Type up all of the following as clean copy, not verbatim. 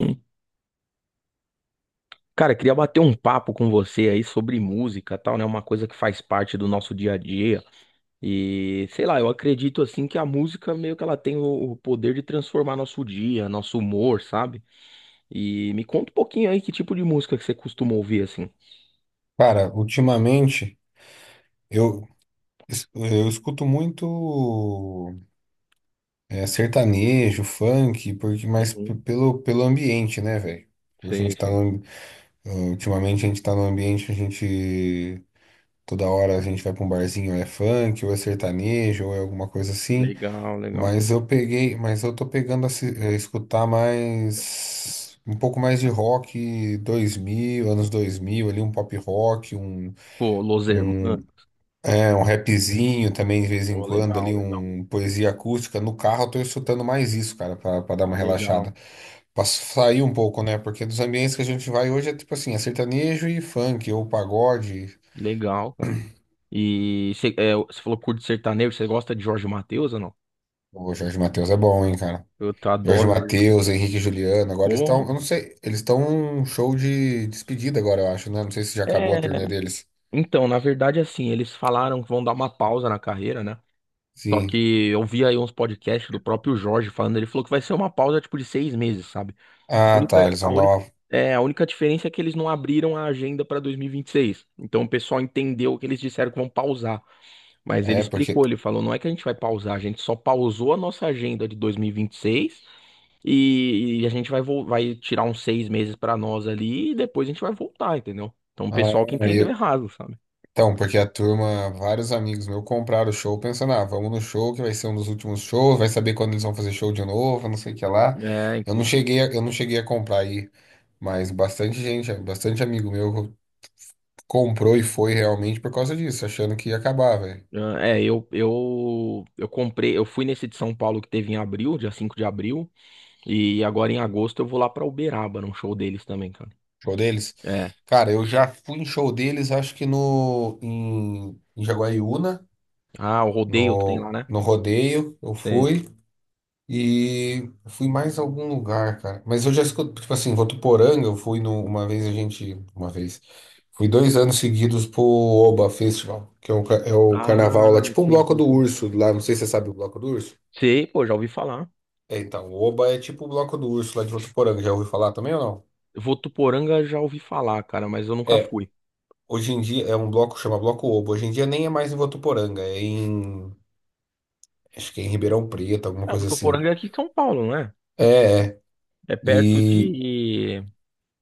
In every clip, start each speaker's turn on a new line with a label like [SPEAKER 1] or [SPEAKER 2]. [SPEAKER 1] Hum. Cara, queria bater um papo com você aí sobre música, e tal, né? Uma coisa que faz parte do nosso dia a dia. E sei lá, eu acredito assim que a música meio que ela tem o poder de transformar nosso dia, nosso humor, sabe? E me conta um pouquinho aí que tipo de música que você costuma ouvir assim.
[SPEAKER 2] Cara, ultimamente eu, eu escuto muito sertanejo, funk, porque mas p-
[SPEAKER 1] Uhum.
[SPEAKER 2] pelo, pelo ambiente, né, velho? A
[SPEAKER 1] Sim,
[SPEAKER 2] gente tá
[SPEAKER 1] sim.
[SPEAKER 2] no, ultimamente a gente tá no ambiente, a gente toda hora a gente vai pra um barzinho, ou é funk, ou é sertanejo, ou é alguma coisa assim.
[SPEAKER 1] Legal, legal.
[SPEAKER 2] Mas eu tô pegando a, se- a escutar mais um pouco mais de rock 2000 anos 2000 ali um pop rock,
[SPEAKER 1] Pô, Los Hermanos.
[SPEAKER 2] um É, um rapzinho também de vez em
[SPEAKER 1] Pô,
[SPEAKER 2] quando,
[SPEAKER 1] legal,
[SPEAKER 2] ali,
[SPEAKER 1] legal.
[SPEAKER 2] um poesia acústica. No carro eu tô escutando mais isso, cara, pra dar uma
[SPEAKER 1] Legal.
[SPEAKER 2] relaxada. Pra sair um pouco, né? Porque dos ambientes que a gente vai hoje é tipo assim, é sertanejo e funk, ou pagode.
[SPEAKER 1] Legal, cara. E você você falou curto sertanejo, você gosta de Jorge Mateus ou não?
[SPEAKER 2] O Jorge Mateus é bom, hein, cara?
[SPEAKER 1] Eu
[SPEAKER 2] Jorge
[SPEAKER 1] adoro Jorge Mateus.
[SPEAKER 2] Mateus, Henrique e Juliano, agora eles
[SPEAKER 1] Porra.
[SPEAKER 2] estão, eu não sei, eles estão um show de despedida agora, eu acho, né? Não sei se já acabou a
[SPEAKER 1] É,
[SPEAKER 2] turnê deles.
[SPEAKER 1] então, na verdade, assim, eles falaram que vão dar uma pausa na carreira, né? Só
[SPEAKER 2] Sim.
[SPEAKER 1] que eu vi aí uns podcasts do próprio Jorge falando, ele falou que vai ser uma pausa tipo de 6 meses, sabe? A
[SPEAKER 2] Ah, tá,
[SPEAKER 1] única,
[SPEAKER 2] eles
[SPEAKER 1] a
[SPEAKER 2] vão dar
[SPEAKER 1] única,
[SPEAKER 2] uma.
[SPEAKER 1] a única diferença é que eles não abriram a agenda para dois mil e vinte e seis. Então o pessoal entendeu que eles disseram que vão pausar. Mas ele
[SPEAKER 2] É, porque.
[SPEAKER 1] explicou, ele falou, não é que a gente vai pausar, a gente só pausou a nossa agenda de 2026 e, vinte e seis e a gente vai tirar uns 6 meses para nós ali e depois a gente vai voltar, entendeu? Então o pessoal
[SPEAKER 2] Ah,
[SPEAKER 1] que entendeu errado, sabe?
[SPEAKER 2] então, porque a turma, vários amigos meus compraram o show pensando, ah, vamos no show que vai ser um dos últimos shows, vai saber quando eles vão fazer show de novo, não sei o que lá.
[SPEAKER 1] É, inclusive.
[SPEAKER 2] Eu não cheguei a comprar aí, mas bastante gente, bastante amigo meu comprou e foi realmente por causa disso, achando que ia acabar, velho.
[SPEAKER 1] É, eu comprei, eu fui nesse de São Paulo que teve em abril, dia 5 de abril, e agora em agosto eu vou lá pra Uberaba, num show deles também, cara.
[SPEAKER 2] Show deles.
[SPEAKER 1] É.
[SPEAKER 2] Cara, eu já fui em show deles, acho que em Jaguariúna,
[SPEAKER 1] Ah, o rodeio que tem
[SPEAKER 2] no
[SPEAKER 1] lá, né?
[SPEAKER 2] no rodeio, eu
[SPEAKER 1] Sei.
[SPEAKER 2] fui. E fui mais a algum lugar, cara. Mas eu já escuto, tipo assim, Votuporanga, eu fui no, uma vez a gente, uma vez, fui dois anos seguidos pro Oba Festival, que é o, ca- é o carnaval lá,
[SPEAKER 1] Ah,
[SPEAKER 2] tipo um
[SPEAKER 1] sei,
[SPEAKER 2] bloco
[SPEAKER 1] sei,
[SPEAKER 2] do
[SPEAKER 1] sei.
[SPEAKER 2] urso lá, não sei se você sabe o bloco do urso.
[SPEAKER 1] Sei, pô, já ouvi falar.
[SPEAKER 2] É, então, o Oba é tipo o bloco do urso lá de Votuporanga, já ouviu falar também ou não?
[SPEAKER 1] Votuporanga já ouvi falar, cara, mas eu nunca
[SPEAKER 2] É,
[SPEAKER 1] fui.
[SPEAKER 2] hoje em dia é um bloco, chama Bloco Oba, hoje em dia nem é mais em Votuporanga, é em, acho que é em Ribeirão Preto, alguma
[SPEAKER 1] Ah,
[SPEAKER 2] coisa assim.
[SPEAKER 1] Votuporanga é aqui em São Paulo, não é?
[SPEAKER 2] É, é.
[SPEAKER 1] É perto
[SPEAKER 2] E
[SPEAKER 1] de,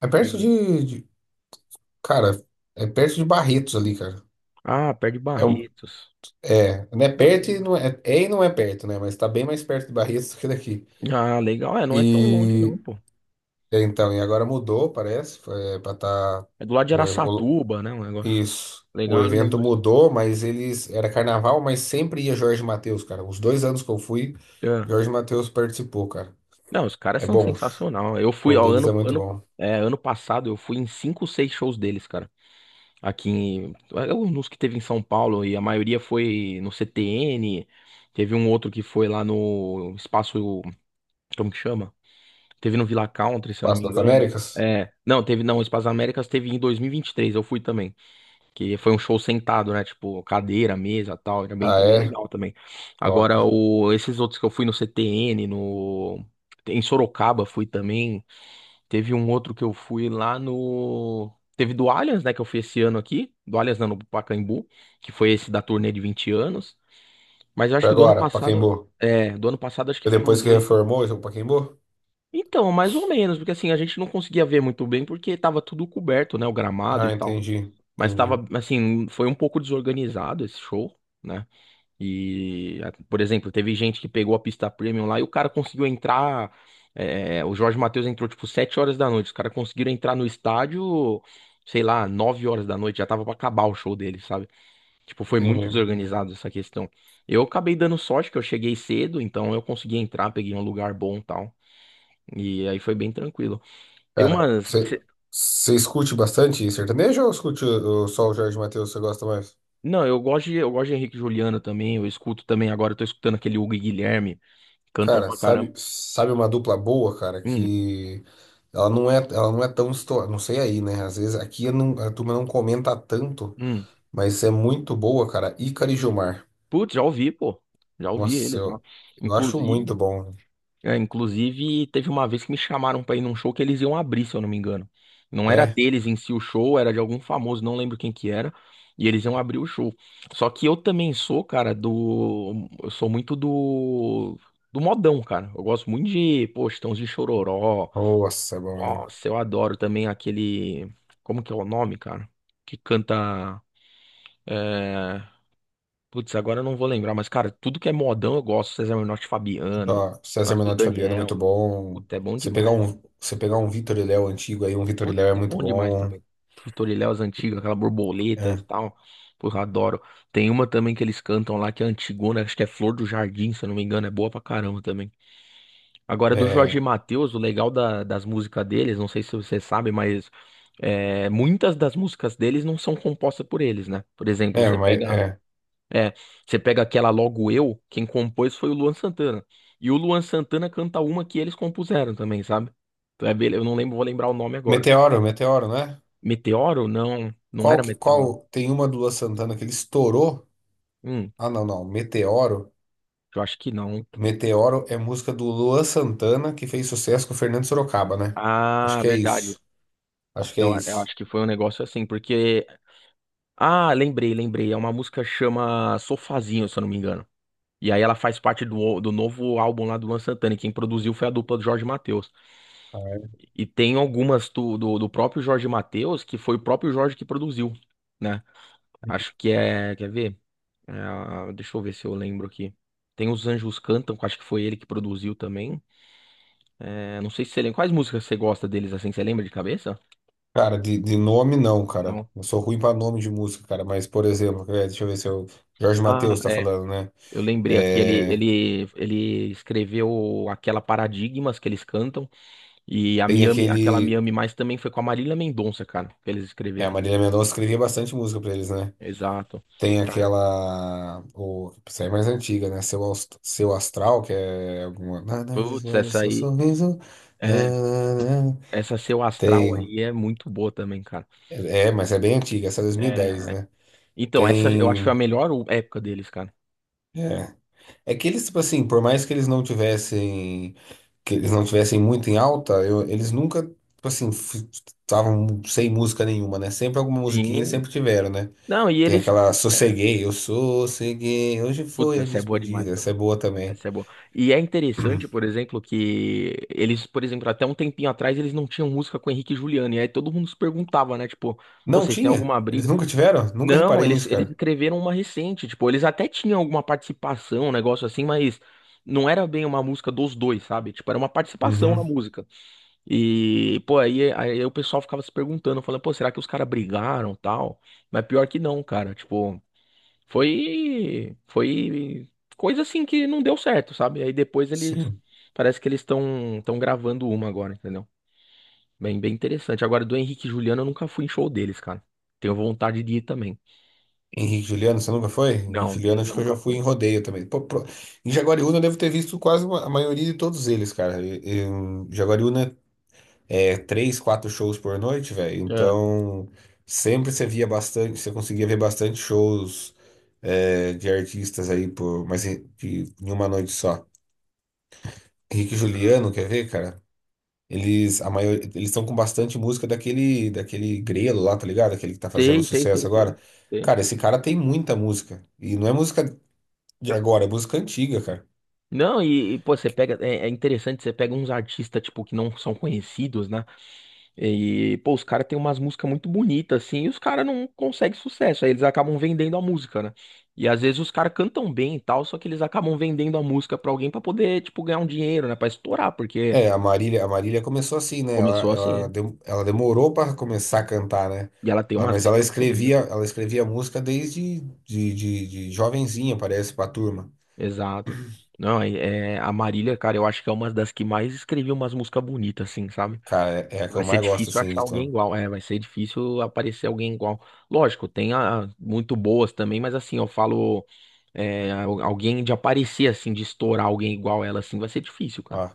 [SPEAKER 2] é perto
[SPEAKER 1] de...
[SPEAKER 2] de. Cara, é perto de Barretos ali, cara.
[SPEAKER 1] Ah, perto de
[SPEAKER 2] É, um-
[SPEAKER 1] Barretos.
[SPEAKER 2] é, não é perto e
[SPEAKER 1] Ah,
[SPEAKER 2] não é, é e não é perto, né? Mas tá bem mais perto de Barretos do que daqui.
[SPEAKER 1] Ah, legal. É, não é tão longe não,
[SPEAKER 2] E
[SPEAKER 1] pô.
[SPEAKER 2] é, então, e agora mudou, parece, foi, é, pra tá
[SPEAKER 1] É do lado de
[SPEAKER 2] o, e- o-
[SPEAKER 1] Araçatuba, né, o negócio.
[SPEAKER 2] isso. O
[SPEAKER 1] Legal, eu
[SPEAKER 2] evento
[SPEAKER 1] lembro, sim.
[SPEAKER 2] mudou, mas eles era carnaval, mas sempre ia Jorge Mateus, cara. Os dois anos que eu fui,
[SPEAKER 1] É.
[SPEAKER 2] Jorge Mateus participou, cara.
[SPEAKER 1] Não, os caras
[SPEAKER 2] É
[SPEAKER 1] são
[SPEAKER 2] bom. O show
[SPEAKER 1] sensacional. Eu fui, ó,
[SPEAKER 2] deles é muito bom.
[SPEAKER 1] ano passado eu fui em cinco, seis shows deles, cara. Aqui, que teve em São Paulo, e a maioria foi no CTN. Teve um outro que foi lá no espaço, como que chama? Teve no Villa Country, se eu não me
[SPEAKER 2] Passo das
[SPEAKER 1] engano.
[SPEAKER 2] Américas?
[SPEAKER 1] É, não, teve, não, o Espaço Américas teve em dois mil e vinte e três eu fui também. Que foi um show sentado, né? Tipo, cadeira, mesa, tal. Era bem,
[SPEAKER 2] Ah,
[SPEAKER 1] bem
[SPEAKER 2] é?
[SPEAKER 1] legal também.
[SPEAKER 2] Top.
[SPEAKER 1] Agora, esses outros que eu fui no CTN, no. Em Sorocaba fui também. Teve um outro que eu fui lá no. Teve do Allianz, né? Que eu fui esse ano aqui. Do Allianz, não, no Pacaembu. Que foi esse da turnê de 20 anos. Mas eu acho que do ano
[SPEAKER 2] Agora,
[SPEAKER 1] passado.
[SPEAKER 2] Pacaembu.
[SPEAKER 1] É, do ano passado acho que foram
[SPEAKER 2] Depois que
[SPEAKER 1] dois.
[SPEAKER 2] reformou, esse é o Pacaembu?
[SPEAKER 1] Então, mais ou menos. Porque assim, a gente não conseguia ver muito bem porque tava tudo coberto, né? O gramado e
[SPEAKER 2] Ah,
[SPEAKER 1] tal. Mas tava, assim, foi um pouco desorganizado esse show, né? E, por exemplo, teve gente que pegou a pista premium lá e o cara conseguiu entrar. O Jorge Mateus entrou, tipo, 7 horas da noite. Os caras conseguiram entrar no estádio, sei lá, 9 horas da noite. Já tava pra acabar o show dele, sabe? Tipo, foi muito
[SPEAKER 2] entendi.
[SPEAKER 1] desorganizado essa questão. Eu acabei dando sorte que eu cheguei cedo, então eu consegui entrar, peguei um lugar bom e tal. E aí foi bem tranquilo. Tem
[SPEAKER 2] Cara,
[SPEAKER 1] umas.
[SPEAKER 2] você escute bastante sertanejo ou só o Jorge Mateus, você gosta mais?
[SPEAKER 1] Não, eu gosto de Henrique e Juliano também, eu escuto também, agora eu tô escutando aquele Hugo e Guilherme, cantam
[SPEAKER 2] Cara,
[SPEAKER 1] pra caramba.
[SPEAKER 2] sabe uma dupla boa, cara,
[SPEAKER 1] Hum,
[SPEAKER 2] que ela não é tão estourada, não sei aí, né? Às vezes aqui eu não, a turma não comenta tanto,
[SPEAKER 1] hum.
[SPEAKER 2] mas é muito boa, cara. Ícaro e Gilmar.
[SPEAKER 1] Putz, já ouvi, pô. Já ouvi
[SPEAKER 2] Nossa,
[SPEAKER 1] eles, já.
[SPEAKER 2] eu, eu acho muito
[SPEAKER 1] Inclusive,
[SPEAKER 2] bom.
[SPEAKER 1] teve uma vez que me chamaram pra ir num show que eles iam abrir, se eu não me engano. Não era
[SPEAKER 2] É,
[SPEAKER 1] deles em si o show, era de algum famoso, não lembro quem que era, e eles iam abrir o show. Só que eu também sou, cara, do. Eu sou muito do modão, cara. Eu gosto muito de, pô, Chitãozinho Chororó.
[SPEAKER 2] nossa, é bom, hein?
[SPEAKER 1] Nossa, eu adoro também aquele. Como que é o nome, cara? Que canta. É... Putz, agora eu não vou lembrar, mas, cara, tudo que é modão eu gosto. César Menotti e Fabiano,
[SPEAKER 2] Ó, César
[SPEAKER 1] as do
[SPEAKER 2] Menotti e Fabiano é
[SPEAKER 1] Daniel.
[SPEAKER 2] muito bom.
[SPEAKER 1] Puta, é bom demais.
[SPEAKER 2] Você pegar um Vitor e Léo antigo aí, um Vitor e
[SPEAKER 1] Puta,
[SPEAKER 2] Léo é
[SPEAKER 1] é
[SPEAKER 2] muito
[SPEAKER 1] bom demais
[SPEAKER 2] bom.
[SPEAKER 1] também. Os Toriléus antigos, aquela borboletas e
[SPEAKER 2] É,
[SPEAKER 1] tal. Porra, adoro. Tem uma também que eles cantam lá que é antigona, acho que é Flor do Jardim, se eu não me engano, é boa pra caramba também. Agora, do Jorge
[SPEAKER 2] é,
[SPEAKER 1] Mateus, o legal das músicas deles, não sei se você sabe, mas muitas das músicas deles não são compostas por eles, né? Por exemplo,
[SPEAKER 2] mas é.
[SPEAKER 1] é, você pega aquela Logo Eu, quem compôs foi o Luan Santana. E o Luan Santana canta uma que eles compuseram também, sabe? Então eu não lembro, vou lembrar o nome agora.
[SPEAKER 2] Meteoro, não é?
[SPEAKER 1] Meteoro? Não, não era Meteoro.
[SPEAKER 2] Qual tem uma do Luan Santana que ele estourou?
[SPEAKER 1] Hum,
[SPEAKER 2] Ah, não, não. Meteoro.
[SPEAKER 1] eu acho que não.
[SPEAKER 2] Meteoro é música do Luan Santana que fez sucesso com o Fernando Sorocaba, né? Acho
[SPEAKER 1] Ah,
[SPEAKER 2] que é
[SPEAKER 1] verdade.
[SPEAKER 2] isso. Acho que é
[SPEAKER 1] Eu
[SPEAKER 2] isso.
[SPEAKER 1] acho que foi um negócio assim, porque. Ah, lembrei, lembrei. É uma música que chama Sofazinho, se eu não me engano. E aí ela faz parte do novo álbum lá do Luan Santana. E quem produziu foi a dupla do Jorge Mateus. E tem algumas do próprio Jorge Mateus, que foi o próprio Jorge que produziu, né? Acho que é. Quer ver? É, ah, deixa eu ver se eu lembro aqui. Tem Os Anjos Cantam, que eu acho que foi ele que produziu também. É, não sei se você lembra. Quais músicas você gosta deles assim? Você lembra de cabeça?
[SPEAKER 2] Cara, de nome não, cara.
[SPEAKER 1] Não.
[SPEAKER 2] Eu sou ruim pra nome de música, cara. Mas, por exemplo, é, deixa eu ver se eu. Jorge
[SPEAKER 1] Ah,
[SPEAKER 2] Mateus tá
[SPEAKER 1] é.
[SPEAKER 2] falando, né?
[SPEAKER 1] Eu lembrei aqui, ele,
[SPEAKER 2] É.
[SPEAKER 1] ele, ele escreveu aquela Paradigmas que eles cantam e a
[SPEAKER 2] Tem
[SPEAKER 1] Miami, aquela
[SPEAKER 2] aquele.
[SPEAKER 1] Miami Mais também foi com a Marília Mendonça, cara, que eles
[SPEAKER 2] É, a
[SPEAKER 1] escreveram.
[SPEAKER 2] Marília Mendonça escrevia bastante música pra eles, né?
[SPEAKER 1] Exato.
[SPEAKER 2] Tem
[SPEAKER 1] Cara,
[SPEAKER 2] aquela. O, essa é mais antiga, né? Seu Astral, que é alguma. "Na, na,
[SPEAKER 1] putz,
[SPEAKER 2] na, na,
[SPEAKER 1] essa
[SPEAKER 2] seu
[SPEAKER 1] aí,
[SPEAKER 2] sorriso. Na,
[SPEAKER 1] é,
[SPEAKER 2] na, na".
[SPEAKER 1] essa Seu Astral
[SPEAKER 2] Tem.
[SPEAKER 1] aí é muito boa também, cara.
[SPEAKER 2] É, mas é bem antiga, essa é 2010,
[SPEAKER 1] É,
[SPEAKER 2] né?
[SPEAKER 1] então, essa eu acho que foi a
[SPEAKER 2] Tem.
[SPEAKER 1] melhor época deles, cara.
[SPEAKER 2] É. É que eles, tipo assim, por mais que eles não tivessem. Que eles não tivessem muito em alta, eles nunca, tipo assim, estavam sem música nenhuma, né? Sempre alguma musiquinha eles
[SPEAKER 1] Sim.
[SPEAKER 2] sempre tiveram, né?
[SPEAKER 1] Não, e
[SPEAKER 2] Tem
[SPEAKER 1] eles.
[SPEAKER 2] aquela
[SPEAKER 1] é,
[SPEAKER 2] Sosseguei, eu sosseguei, hoje
[SPEAKER 1] Putz,
[SPEAKER 2] foi a
[SPEAKER 1] essa é boa demais
[SPEAKER 2] despedida. Essa é
[SPEAKER 1] também.
[SPEAKER 2] boa também.
[SPEAKER 1] Essa é boa. E é interessante, por exemplo, que eles, por exemplo, até um tempinho atrás eles não tinham música com Henrique e Juliano. E aí todo mundo se perguntava, né? Tipo, pô,
[SPEAKER 2] Não
[SPEAKER 1] vocês têm
[SPEAKER 2] tinha?
[SPEAKER 1] alguma
[SPEAKER 2] Eles
[SPEAKER 1] briga?
[SPEAKER 2] nunca tiveram? Nunca
[SPEAKER 1] Não,
[SPEAKER 2] reparei
[SPEAKER 1] eles,
[SPEAKER 2] nisso,
[SPEAKER 1] eles
[SPEAKER 2] cara.
[SPEAKER 1] escreveram uma recente. Tipo, eles até tinham alguma participação, um negócio assim, mas não era bem uma música dos dois, sabe? Tipo, era uma participação na
[SPEAKER 2] Uhum.
[SPEAKER 1] música. E, pô, aí o pessoal ficava se perguntando, falando, pô, será que os caras brigaram, e tal? Mas pior que não, cara. Tipo. Foi coisa assim que não deu certo, sabe? Aí depois eles,
[SPEAKER 2] Sim.
[SPEAKER 1] parece que eles estão gravando uma agora, entendeu? Bem, bem interessante. Agora do Henrique e Juliano eu nunca fui em show deles, cara. Tenho vontade de ir também.
[SPEAKER 2] Henrique e Juliano, você nunca foi? Henrique e
[SPEAKER 1] Não,
[SPEAKER 2] Juliano,
[SPEAKER 1] deles eu
[SPEAKER 2] acho que eu já
[SPEAKER 1] nunca
[SPEAKER 2] fui em
[SPEAKER 1] fui.
[SPEAKER 2] rodeio também. Pô, pro- Em Jaguariúna eu devo ter visto quase a maioria de todos eles, cara. E- Em Jaguariúna é três, quatro shows por noite, velho.
[SPEAKER 1] É.
[SPEAKER 2] Então sempre você via bastante, você conseguia ver bastante shows é, de artistas aí por, mas em, de, em uma noite só. Henrique e
[SPEAKER 1] Caraca.
[SPEAKER 2] Juliano, quer ver, cara? Eles, a maior, eles estão com bastante música daquele Grelo lá, tá ligado? Aquele que tá fazendo
[SPEAKER 1] Sei, sei,
[SPEAKER 2] sucesso
[SPEAKER 1] sei, sei,
[SPEAKER 2] agora.
[SPEAKER 1] sei.
[SPEAKER 2] Cara, esse cara tem muita música. E não é música de agora, é música antiga, cara.
[SPEAKER 1] Não, pô, você pega, é interessante, você pega uns artistas, tipo, que não são conhecidos, né? E, pô, os caras têm umas músicas muito bonitas, assim, e os caras não conseguem sucesso. Aí eles acabam vendendo a música, né? E às vezes os caras cantam bem e tal, só que eles acabam vendendo a música pra alguém pra poder, tipo, ganhar um dinheiro, né? Pra estourar, porque
[SPEAKER 2] É, a Marília começou assim, né?
[SPEAKER 1] começou assim.
[SPEAKER 2] Ela demorou para começar a cantar, né?
[SPEAKER 1] E ela tem umas
[SPEAKER 2] Mas
[SPEAKER 1] letras muito lindas, cara.
[SPEAKER 2] ela escrevia música desde de jovenzinha, parece, pra turma.
[SPEAKER 1] Exato. Não, a Marília, cara, eu acho que é uma das que mais escreveu umas músicas bonitas, assim, sabe?
[SPEAKER 2] Cara, é, é a que eu
[SPEAKER 1] Vai ser
[SPEAKER 2] mais gosto,
[SPEAKER 1] difícil
[SPEAKER 2] assim,
[SPEAKER 1] achar
[SPEAKER 2] de
[SPEAKER 1] alguém
[SPEAKER 2] tom.
[SPEAKER 1] igual. É, vai ser difícil aparecer alguém igual. Lógico, tem a, muito boas também, mas assim, eu falo. Alguém de aparecer assim, de estourar alguém igual ela assim, vai ser difícil, cara.
[SPEAKER 2] Ó,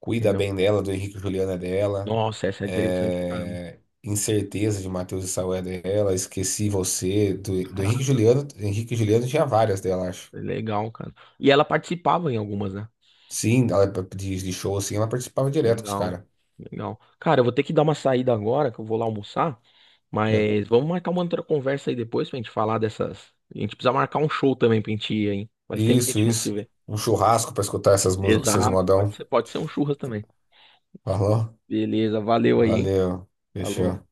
[SPEAKER 2] Cuida
[SPEAKER 1] Entendeu?
[SPEAKER 2] Bem Dela, do Henrique e Juliano é dela.
[SPEAKER 1] Nossa, essa é interessante pra caramba.
[SPEAKER 2] É, Incerteza de Matheus e Saul é dela, Esqueci Você, do Henrique
[SPEAKER 1] Caraca,
[SPEAKER 2] Juliano. Henrique Juliano tinha várias dela, acho.
[SPEAKER 1] é legal, cara. E ela participava em algumas, né?
[SPEAKER 2] Sim, ela, de show, assim, ela participava direto com os
[SPEAKER 1] Legal,
[SPEAKER 2] caras.
[SPEAKER 1] legal. Cara, eu vou ter que dar uma saída agora, que eu vou lá almoçar,
[SPEAKER 2] Né?
[SPEAKER 1] mas vamos marcar uma outra conversa aí depois pra gente falar dessas. A gente precisa marcar um show também pra gente ir, hein? Faz tempo que a
[SPEAKER 2] Isso,
[SPEAKER 1] gente não se
[SPEAKER 2] isso.
[SPEAKER 1] vê.
[SPEAKER 2] Um churrasco pra escutar essas músicas, esses
[SPEAKER 1] Exato,
[SPEAKER 2] modão.
[SPEAKER 1] pode ser um churras também.
[SPEAKER 2] Falou?
[SPEAKER 1] Beleza, valeu aí, hein?
[SPEAKER 2] Valeu.
[SPEAKER 1] Falou.
[SPEAKER 2] Fechou.